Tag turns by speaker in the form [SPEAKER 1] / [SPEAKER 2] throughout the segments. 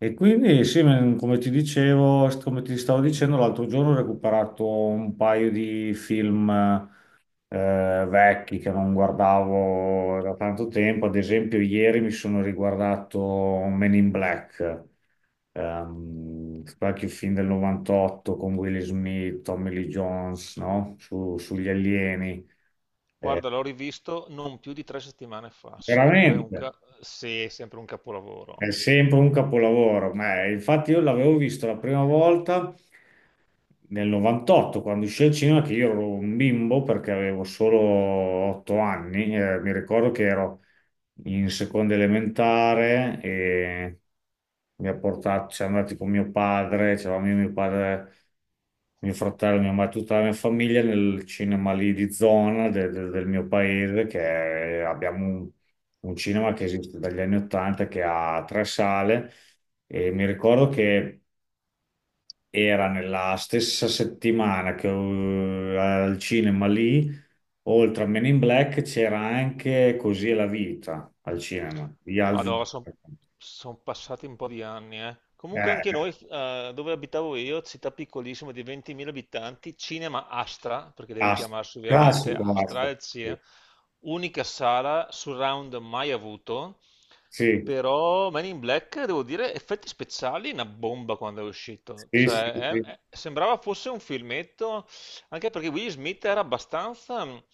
[SPEAKER 1] E quindi sì, come ti dicevo, come ti stavo dicendo, l'altro giorno ho recuperato un paio di film vecchi che non guardavo da tanto tempo. Ad esempio, ieri mi sono riguardato Men in Black, qualche film del '98 con Will Smith, Tommy Lee Jones, no? Sugli alieni. Eh,
[SPEAKER 2] Guarda, l'ho rivisto non più di tre settimane fa, sempre un,
[SPEAKER 1] veramente,
[SPEAKER 2] ca- sì, è sempre un
[SPEAKER 1] è
[SPEAKER 2] capolavoro.
[SPEAKER 1] sempre un capolavoro. Ma, infatti io l'avevo visto la prima volta, nel '98, quando uscì al cinema, che io ero un bimbo perché avevo solo 8 anni, mi ricordo che ero in seconda elementare e mi ha portato, siamo andati con mio padre, c'eravamo io, mio padre, mio fratello, mia madre, tutta la mia famiglia nel cinema lì di zona del mio paese, abbiamo un cinema che esiste dagli anni 80, che ha tre sale. E mi ricordo che era nella stessa settimana che al cinema lì, oltre a Men in Black, c'era anche Così è la vita al cinema.
[SPEAKER 2] Madonna, sono passati un po' di anni, eh. Comunque anche
[SPEAKER 1] Eh,
[SPEAKER 2] noi, dove abitavo io, città piccolissima di 20.000 abitanti, cinema Astra, perché deve
[SPEAKER 1] Ast-
[SPEAKER 2] chiamarsi ovviamente
[SPEAKER 1] Classico
[SPEAKER 2] Astra,
[SPEAKER 1] Astor.
[SPEAKER 2] il cinema, unica sala surround mai avuto,
[SPEAKER 1] Sì,
[SPEAKER 2] però Man in Black, devo dire, effetti speciali, una bomba quando è uscito.
[SPEAKER 1] sì, sì,
[SPEAKER 2] Cioè,
[SPEAKER 1] sì, sì.
[SPEAKER 2] sembrava fosse un filmetto. Anche perché Will Smith era abbastanza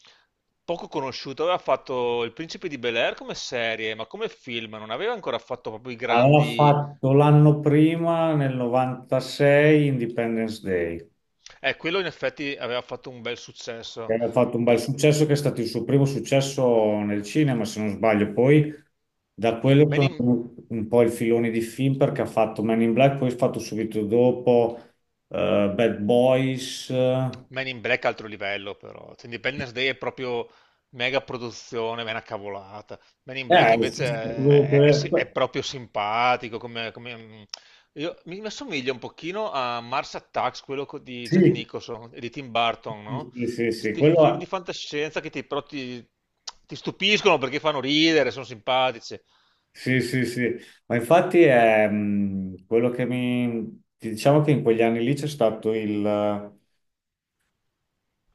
[SPEAKER 2] poco conosciuto, aveva fatto Il Principe di Bel-Air come serie, ma come film non aveva ancora fatto proprio i
[SPEAKER 1] Aveva
[SPEAKER 2] grandi...
[SPEAKER 1] fatto l'anno prima, nel '96, Independence Day,
[SPEAKER 2] Quello in effetti aveva fatto un bel
[SPEAKER 1] che
[SPEAKER 2] successo.
[SPEAKER 1] ha fatto un bel
[SPEAKER 2] Pe-
[SPEAKER 1] successo, che è stato il suo primo successo nel cinema, se non sbaglio. Poi da quello
[SPEAKER 2] Man
[SPEAKER 1] sono
[SPEAKER 2] in,
[SPEAKER 1] venuti un po' il filone di film, perché ha fatto Man in Black, poi ha fatto subito dopo Bad Boys. Eh.
[SPEAKER 2] Men in Black è altro livello però, cioè, Independence Day è proprio mega produzione, ma è una cavolata. Men in Black
[SPEAKER 1] Sì,
[SPEAKER 2] invece
[SPEAKER 1] sì,
[SPEAKER 2] è proprio simpatico, come, mi assomiglia un pochino a Mars Attacks, quello di Jack
[SPEAKER 1] sì,
[SPEAKER 2] Nicholson e di Tim Burton, no?
[SPEAKER 1] sì, sì, sì, sì,
[SPEAKER 2] Sti film di fantascienza che ti stupiscono perché fanno ridere, sono simpatici,
[SPEAKER 1] sì, sì, sì. Ma infatti è quello che mi... Diciamo che in quegli anni lì c'è stato il...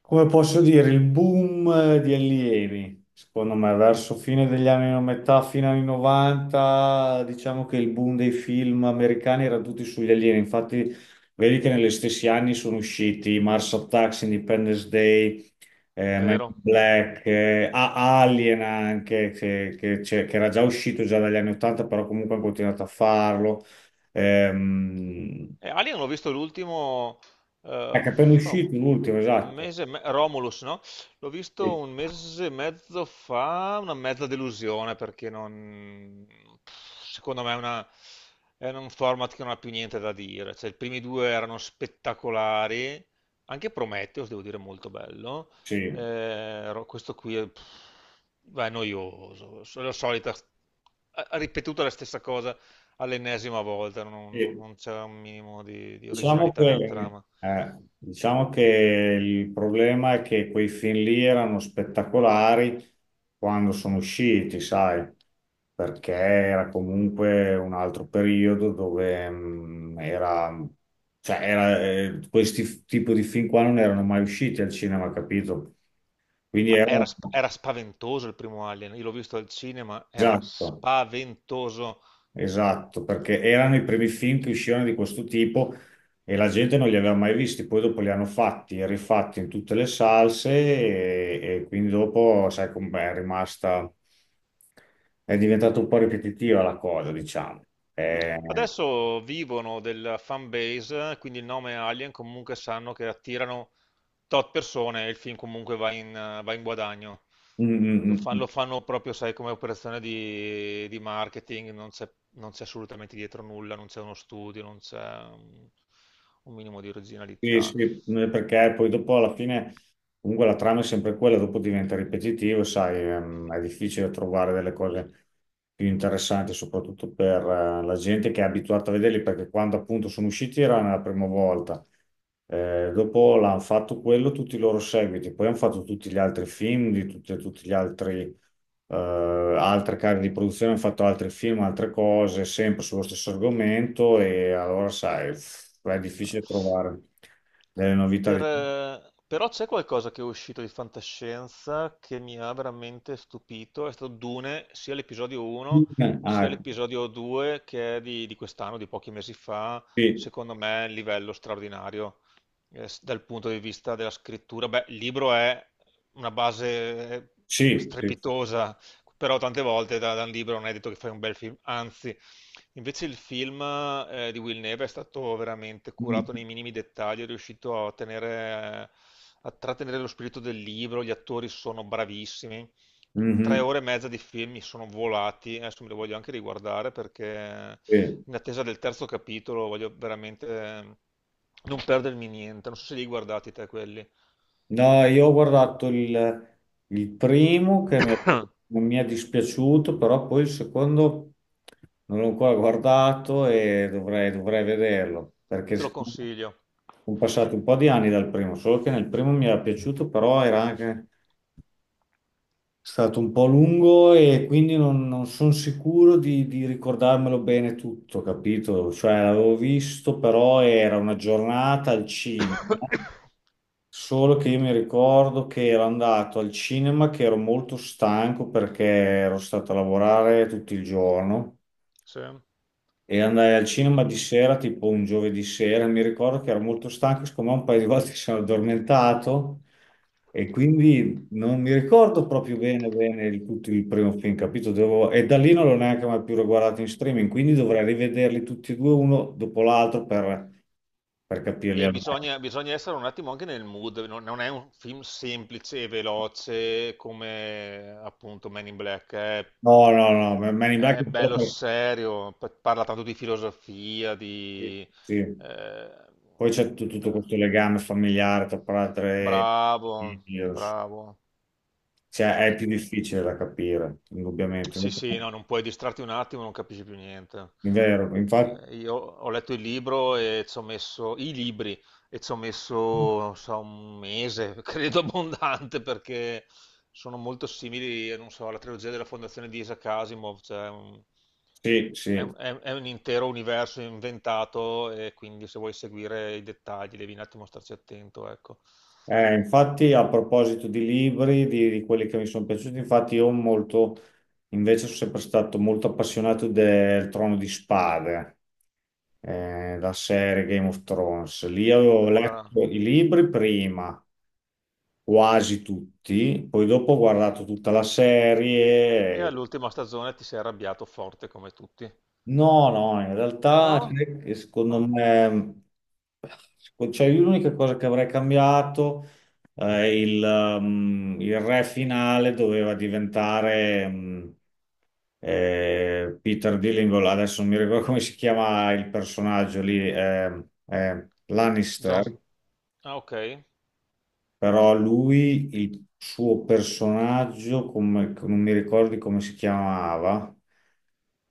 [SPEAKER 1] Come posso dire, il boom di allievi, secondo me, verso fine degli anni, metà, fine anni 90, diciamo che il boom dei film americani era tutti sugli alieni. Infatti, vedi che negli stessi anni sono usciti Mars Attacks, Independence Day, Men in
[SPEAKER 2] vero?
[SPEAKER 1] Black, Alien anche, che era già uscito già dagli anni 80, però comunque hanno continuato a farlo. Ehm,
[SPEAKER 2] Alien l'ho visto l'ultimo, eh,
[SPEAKER 1] ecco, appena
[SPEAKER 2] un
[SPEAKER 1] uscito l'ultimo,
[SPEAKER 2] un
[SPEAKER 1] esatto.
[SPEAKER 2] mese, e Romulus, no? L'ho visto
[SPEAKER 1] Sì,
[SPEAKER 2] un mese e mezzo fa, una mezza delusione perché non, secondo me è un format che non ha più niente da dire. Cioè, i primi due erano spettacolari, anche Prometheus, devo dire, molto bello.
[SPEAKER 1] sì.
[SPEAKER 2] Questo qui è, pff, beh, è noioso, è la solita, ha ripetuto la stessa cosa all'ennesima volta,
[SPEAKER 1] Sì.
[SPEAKER 2] non c'era un minimo di
[SPEAKER 1] Diciamo
[SPEAKER 2] originalità nella
[SPEAKER 1] che,
[SPEAKER 2] trama.
[SPEAKER 1] diciamo che il problema è che quei film lì erano spettacolari quando sono usciti, sai, perché era comunque un altro periodo dove cioè, questi tipo di film qua non erano mai usciti al cinema, capito? Quindi
[SPEAKER 2] Ma era,
[SPEAKER 1] erano,
[SPEAKER 2] era spaventoso il primo Alien, io l'ho visto al cinema, era
[SPEAKER 1] esatto.
[SPEAKER 2] spaventoso.
[SPEAKER 1] Esatto, perché erano i primi film che uscivano di questo tipo e la gente non li aveva mai visti, poi dopo li hanno fatti e rifatti in tutte le salse e quindi dopo, sai com'è, è rimasta, è diventata un po' ripetitiva la cosa, diciamo. Eh,
[SPEAKER 2] Adesso vivono della fan base, quindi il nome Alien comunque sanno che attirano tot persone e il film comunque va in guadagno.
[SPEAKER 1] mm,
[SPEAKER 2] Lo
[SPEAKER 1] mm,
[SPEAKER 2] fan-
[SPEAKER 1] mm.
[SPEAKER 2] lo fanno, proprio, sai, come operazione di marketing, non c'è assolutamente dietro nulla, non c'è uno studio, non c'è un minimo di
[SPEAKER 1] Sì,
[SPEAKER 2] originalità.
[SPEAKER 1] sì, perché poi dopo alla fine comunque la trama è sempre quella, dopo diventa ripetitivo, sai, è difficile trovare delle cose più interessanti, soprattutto per la gente che è abituata a vederli, perché quando appunto sono usciti era la prima volta. Dopo l'hanno fatto quello, tutti i loro seguiti, poi hanno fatto tutti gli altri film di tutti, tutti gli altri altre case di produzione, hanno fatto altri film, altre cose, sempre sullo stesso argomento, e allora sai, pff, è difficile trovare delle novità.
[SPEAKER 2] Però c'è qualcosa che è uscito di fantascienza che mi ha veramente stupito, è stato Dune, sia l'episodio 1 sia
[SPEAKER 1] Ah,
[SPEAKER 2] l'episodio 2 che è di quest'anno, di pochi mesi fa,
[SPEAKER 1] sì,
[SPEAKER 2] secondo me è un livello straordinario dal punto di vista della scrittura. Beh, il libro è una base
[SPEAKER 1] sì, sì,
[SPEAKER 2] strepitosa, però tante volte da un libro non è detto che fai un bel film, anzi, invece il film di Will Neve è stato veramente
[SPEAKER 1] sì.
[SPEAKER 2] curato nei minimi dettagli, è riuscito a tenere, a trattenere lo spirito del libro, gli attori sono bravissimi. Tre
[SPEAKER 1] Mhm,
[SPEAKER 2] ore e mezza di film mi sono volati, adesso me li voglio anche riguardare perché
[SPEAKER 1] sì.
[SPEAKER 2] in attesa del terzo capitolo voglio veramente non perdermi niente, non so se li hai guardati te quelli.
[SPEAKER 1] No, io ho guardato il primo mm, non mi è dispiaciuto, però poi il secondo non l'ho ancora guardato e dovrei vederlo, perché
[SPEAKER 2] Te lo consiglio.
[SPEAKER 1] sono passati un po' di anni dal primo, solo che nel primo mi era piaciuto, però era anche stato un po' lungo e quindi non sono sicuro di ricordarmelo bene tutto, capito? Cioè l'avevo visto, però era una giornata al cinema. Solo che io mi ricordo che ero andato al cinema, che ero molto stanco perché ero stato a lavorare tutto il giorno,
[SPEAKER 2] Sì.
[SPEAKER 1] e andai al cinema di sera, tipo un giovedì sera. Mi ricordo che ero molto stanco, siccome un paio di volte sono addormentato, e quindi non mi ricordo proprio bene, bene tutto il primo film, capito? E da lì non l'ho neanche mai più riguardato in streaming, quindi dovrei rivederli tutti e due uno dopo l'altro per capirli
[SPEAKER 2] E
[SPEAKER 1] al meglio.
[SPEAKER 2] bisogna, bisogna essere un attimo anche nel mood, non è un film semplice e veloce come appunto Men in Black,
[SPEAKER 1] No, no, no, Man in Black.
[SPEAKER 2] è bello serio, parla tanto di filosofia,
[SPEAKER 1] Sì.
[SPEAKER 2] di...
[SPEAKER 1] Sì.
[SPEAKER 2] eh,
[SPEAKER 1] Poi c'è tutto questo legame familiare tra padre e
[SPEAKER 2] bravo,
[SPEAKER 1] figlio,
[SPEAKER 2] bravo.
[SPEAKER 1] cioè è più
[SPEAKER 2] Eh,
[SPEAKER 1] difficile da capire, indubbiamente.
[SPEAKER 2] Sì, sì, no, non puoi distrarti un attimo, non capisci più niente.
[SPEAKER 1] È vero, infatti,
[SPEAKER 2] Io ho letto il libro e ci ho messo, non so, un mese, credo abbondante, perché sono molto simili, non so, alla trilogia della Fondazione di Isaac Asimov,
[SPEAKER 1] sì, sì.
[SPEAKER 2] è è un intero universo inventato e quindi se vuoi seguire i dettagli devi un attimo starci attento, ecco.
[SPEAKER 1] Infatti a proposito di libri, di quelli che mi sono piaciuti, infatti invece sono sempre stato molto appassionato del Trono di Spade, la serie Game of Thrones. Lì avevo
[SPEAKER 2] Guarda,
[SPEAKER 1] letto i libri prima, quasi tutti, poi dopo ho guardato tutta la
[SPEAKER 2] e
[SPEAKER 1] serie.
[SPEAKER 2] all'ultima stagione ti sei arrabbiato forte come tutti.
[SPEAKER 1] No, no, in realtà
[SPEAKER 2] No?
[SPEAKER 1] sai che secondo
[SPEAKER 2] Ah.
[SPEAKER 1] me, cioè, io l'unica cosa che avrei cambiato il re finale doveva diventare Peter Dillingham, adesso non mi ricordo come si chiama il personaggio lì,
[SPEAKER 2] Jones-
[SPEAKER 1] Lannister.
[SPEAKER 2] ah, ok.
[SPEAKER 1] Però lui, il suo personaggio, come, non mi ricordi come si chiamava,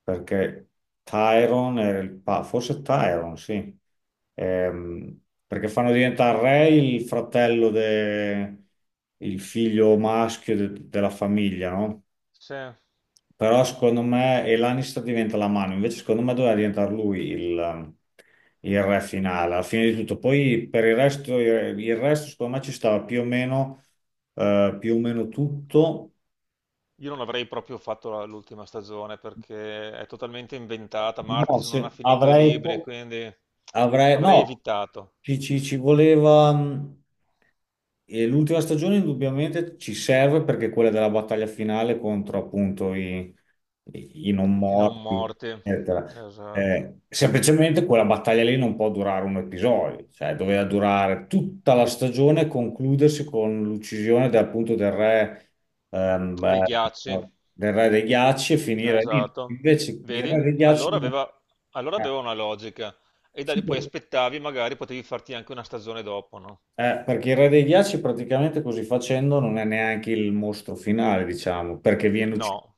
[SPEAKER 1] perché Tyron era forse Tyron, sì. Ehm, perché fanno diventare re il fratello, il figlio maschio della famiglia, no?
[SPEAKER 2] Sì. Io
[SPEAKER 1] Però secondo me e Lannister diventa la mano, invece secondo me doveva diventare lui il re finale, alla fine di tutto. Poi per il resto, il resto secondo me ci stava più o meno tutto.
[SPEAKER 2] non avrei proprio fatto l'ultima stagione perché è totalmente inventata.
[SPEAKER 1] No,
[SPEAKER 2] Martis non
[SPEAKER 1] se
[SPEAKER 2] ha finito i
[SPEAKER 1] avrei,
[SPEAKER 2] libri, e quindi
[SPEAKER 1] Avrei,
[SPEAKER 2] avrei
[SPEAKER 1] no,
[SPEAKER 2] evitato
[SPEAKER 1] Ci voleva. Mh, e l'ultima stagione indubbiamente ci serve, perché è quella della battaglia finale contro appunto i non
[SPEAKER 2] i non
[SPEAKER 1] morti,
[SPEAKER 2] morti.
[SPEAKER 1] eccetera.
[SPEAKER 2] Esatto.
[SPEAKER 1] Semplicemente quella battaglia lì non può durare un episodio, cioè doveva durare tutta la stagione e concludersi con l'uccisione appunto
[SPEAKER 2] Dei ghiacci.
[SPEAKER 1] del re dei ghiacci, e finire lì.
[SPEAKER 2] Esatto.
[SPEAKER 1] Invece il
[SPEAKER 2] Vedi?
[SPEAKER 1] re dei ghiacci
[SPEAKER 2] Allora aveva una logica. E da lì poi
[SPEAKER 1] eh.
[SPEAKER 2] aspettavi, magari potevi farti anche una stagione dopo, no?
[SPEAKER 1] Perché il re dei ghiacci praticamente così facendo non è neanche il mostro finale, diciamo, perché viene ucciso.
[SPEAKER 2] No.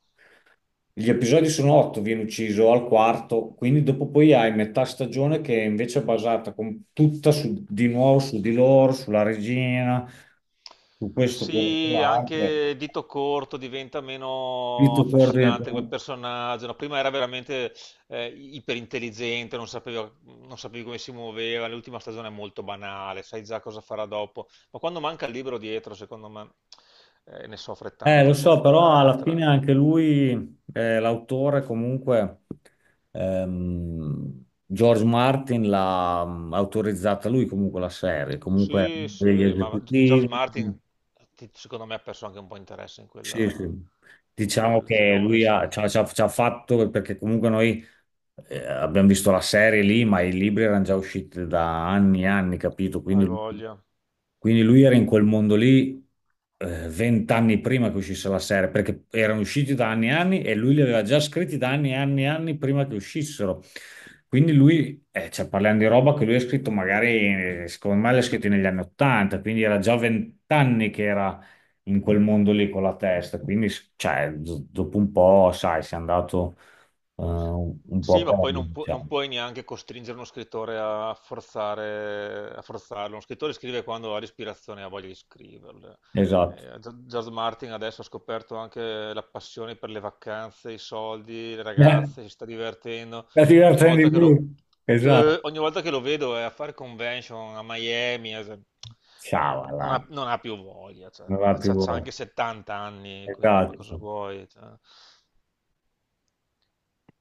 [SPEAKER 1] Gli episodi sono 8, viene ucciso al quarto, quindi dopo poi hai metà stagione che è invece è basata tutta di nuovo su di loro, sulla regina, su questo, quello,
[SPEAKER 2] Sì,
[SPEAKER 1] quell'altro.
[SPEAKER 2] anche Dito Corto diventa
[SPEAKER 1] Lì
[SPEAKER 2] meno
[SPEAKER 1] tu coordini.
[SPEAKER 2] affascinante come personaggio. No, prima era veramente iperintelligente, non sapevi come si muoveva. L'ultima stagione è molto banale, sai già cosa farà dopo. Ma quando manca il libro dietro, secondo me, ne soffre
[SPEAKER 1] Lo
[SPEAKER 2] tanto poi
[SPEAKER 1] so, però
[SPEAKER 2] la, la
[SPEAKER 1] alla fine
[SPEAKER 2] trama.
[SPEAKER 1] anche lui, l'autore comunque, George Martin l'ha autorizzata lui, comunque la serie, comunque
[SPEAKER 2] Sì,
[SPEAKER 1] degli
[SPEAKER 2] sì, ma George
[SPEAKER 1] esecutivi.
[SPEAKER 2] Martin, secondo me, ha perso anche un po' interesse in
[SPEAKER 1] Sì, sì.
[SPEAKER 2] in
[SPEAKER 1] Diciamo
[SPEAKER 2] quel
[SPEAKER 1] che
[SPEAKER 2] filone,
[SPEAKER 1] lui ha-
[SPEAKER 2] sai.
[SPEAKER 1] ci ha, ci ha- ci ha fatto, perché comunque noi abbiamo visto la serie lì, ma i libri erano già usciti da anni e anni, capito?
[SPEAKER 2] Hai voglia.
[SPEAKER 1] Quindi lui era in quel mondo lì 20 anni prima che uscisse la serie, perché erano usciti da anni e anni e lui li aveva già scritti da anni e anni e anni prima che uscissero. Quindi lui, cioè, parliamo di roba che lui ha scritto magari, secondo me l'ha scritto negli anni Ottanta, quindi era già 20 anni che era in quel mondo lì con la testa. Quindi, cioè, dopo un po', sai, sei andato un
[SPEAKER 2] Sì,
[SPEAKER 1] po'
[SPEAKER 2] ma
[SPEAKER 1] per,
[SPEAKER 2] poi non
[SPEAKER 1] diciamo.
[SPEAKER 2] puoi neanche costringere uno scrittore a forzare, a forzarlo. Uno scrittore scrive quando ha l'ispirazione e ha voglia di scriverle.
[SPEAKER 1] Esatto.
[SPEAKER 2] George Martin adesso ha scoperto anche la passione per le vacanze, i soldi, le
[SPEAKER 1] Eh,
[SPEAKER 2] ragazze, si sta divertendo.
[SPEAKER 1] la
[SPEAKER 2] Ogni
[SPEAKER 1] divertente di
[SPEAKER 2] volta che lo,
[SPEAKER 1] gruppo. Esatto.
[SPEAKER 2] Ogni volta che lo vedo è a fare convention a Miami,
[SPEAKER 1] Ciao, là.
[SPEAKER 2] non ha più voglia, cioè,
[SPEAKER 1] Non
[SPEAKER 2] però
[SPEAKER 1] va più.
[SPEAKER 2] c'ha anche 70 anni, quindi ma cosa
[SPEAKER 1] Esatto.
[SPEAKER 2] vuoi? Cioè.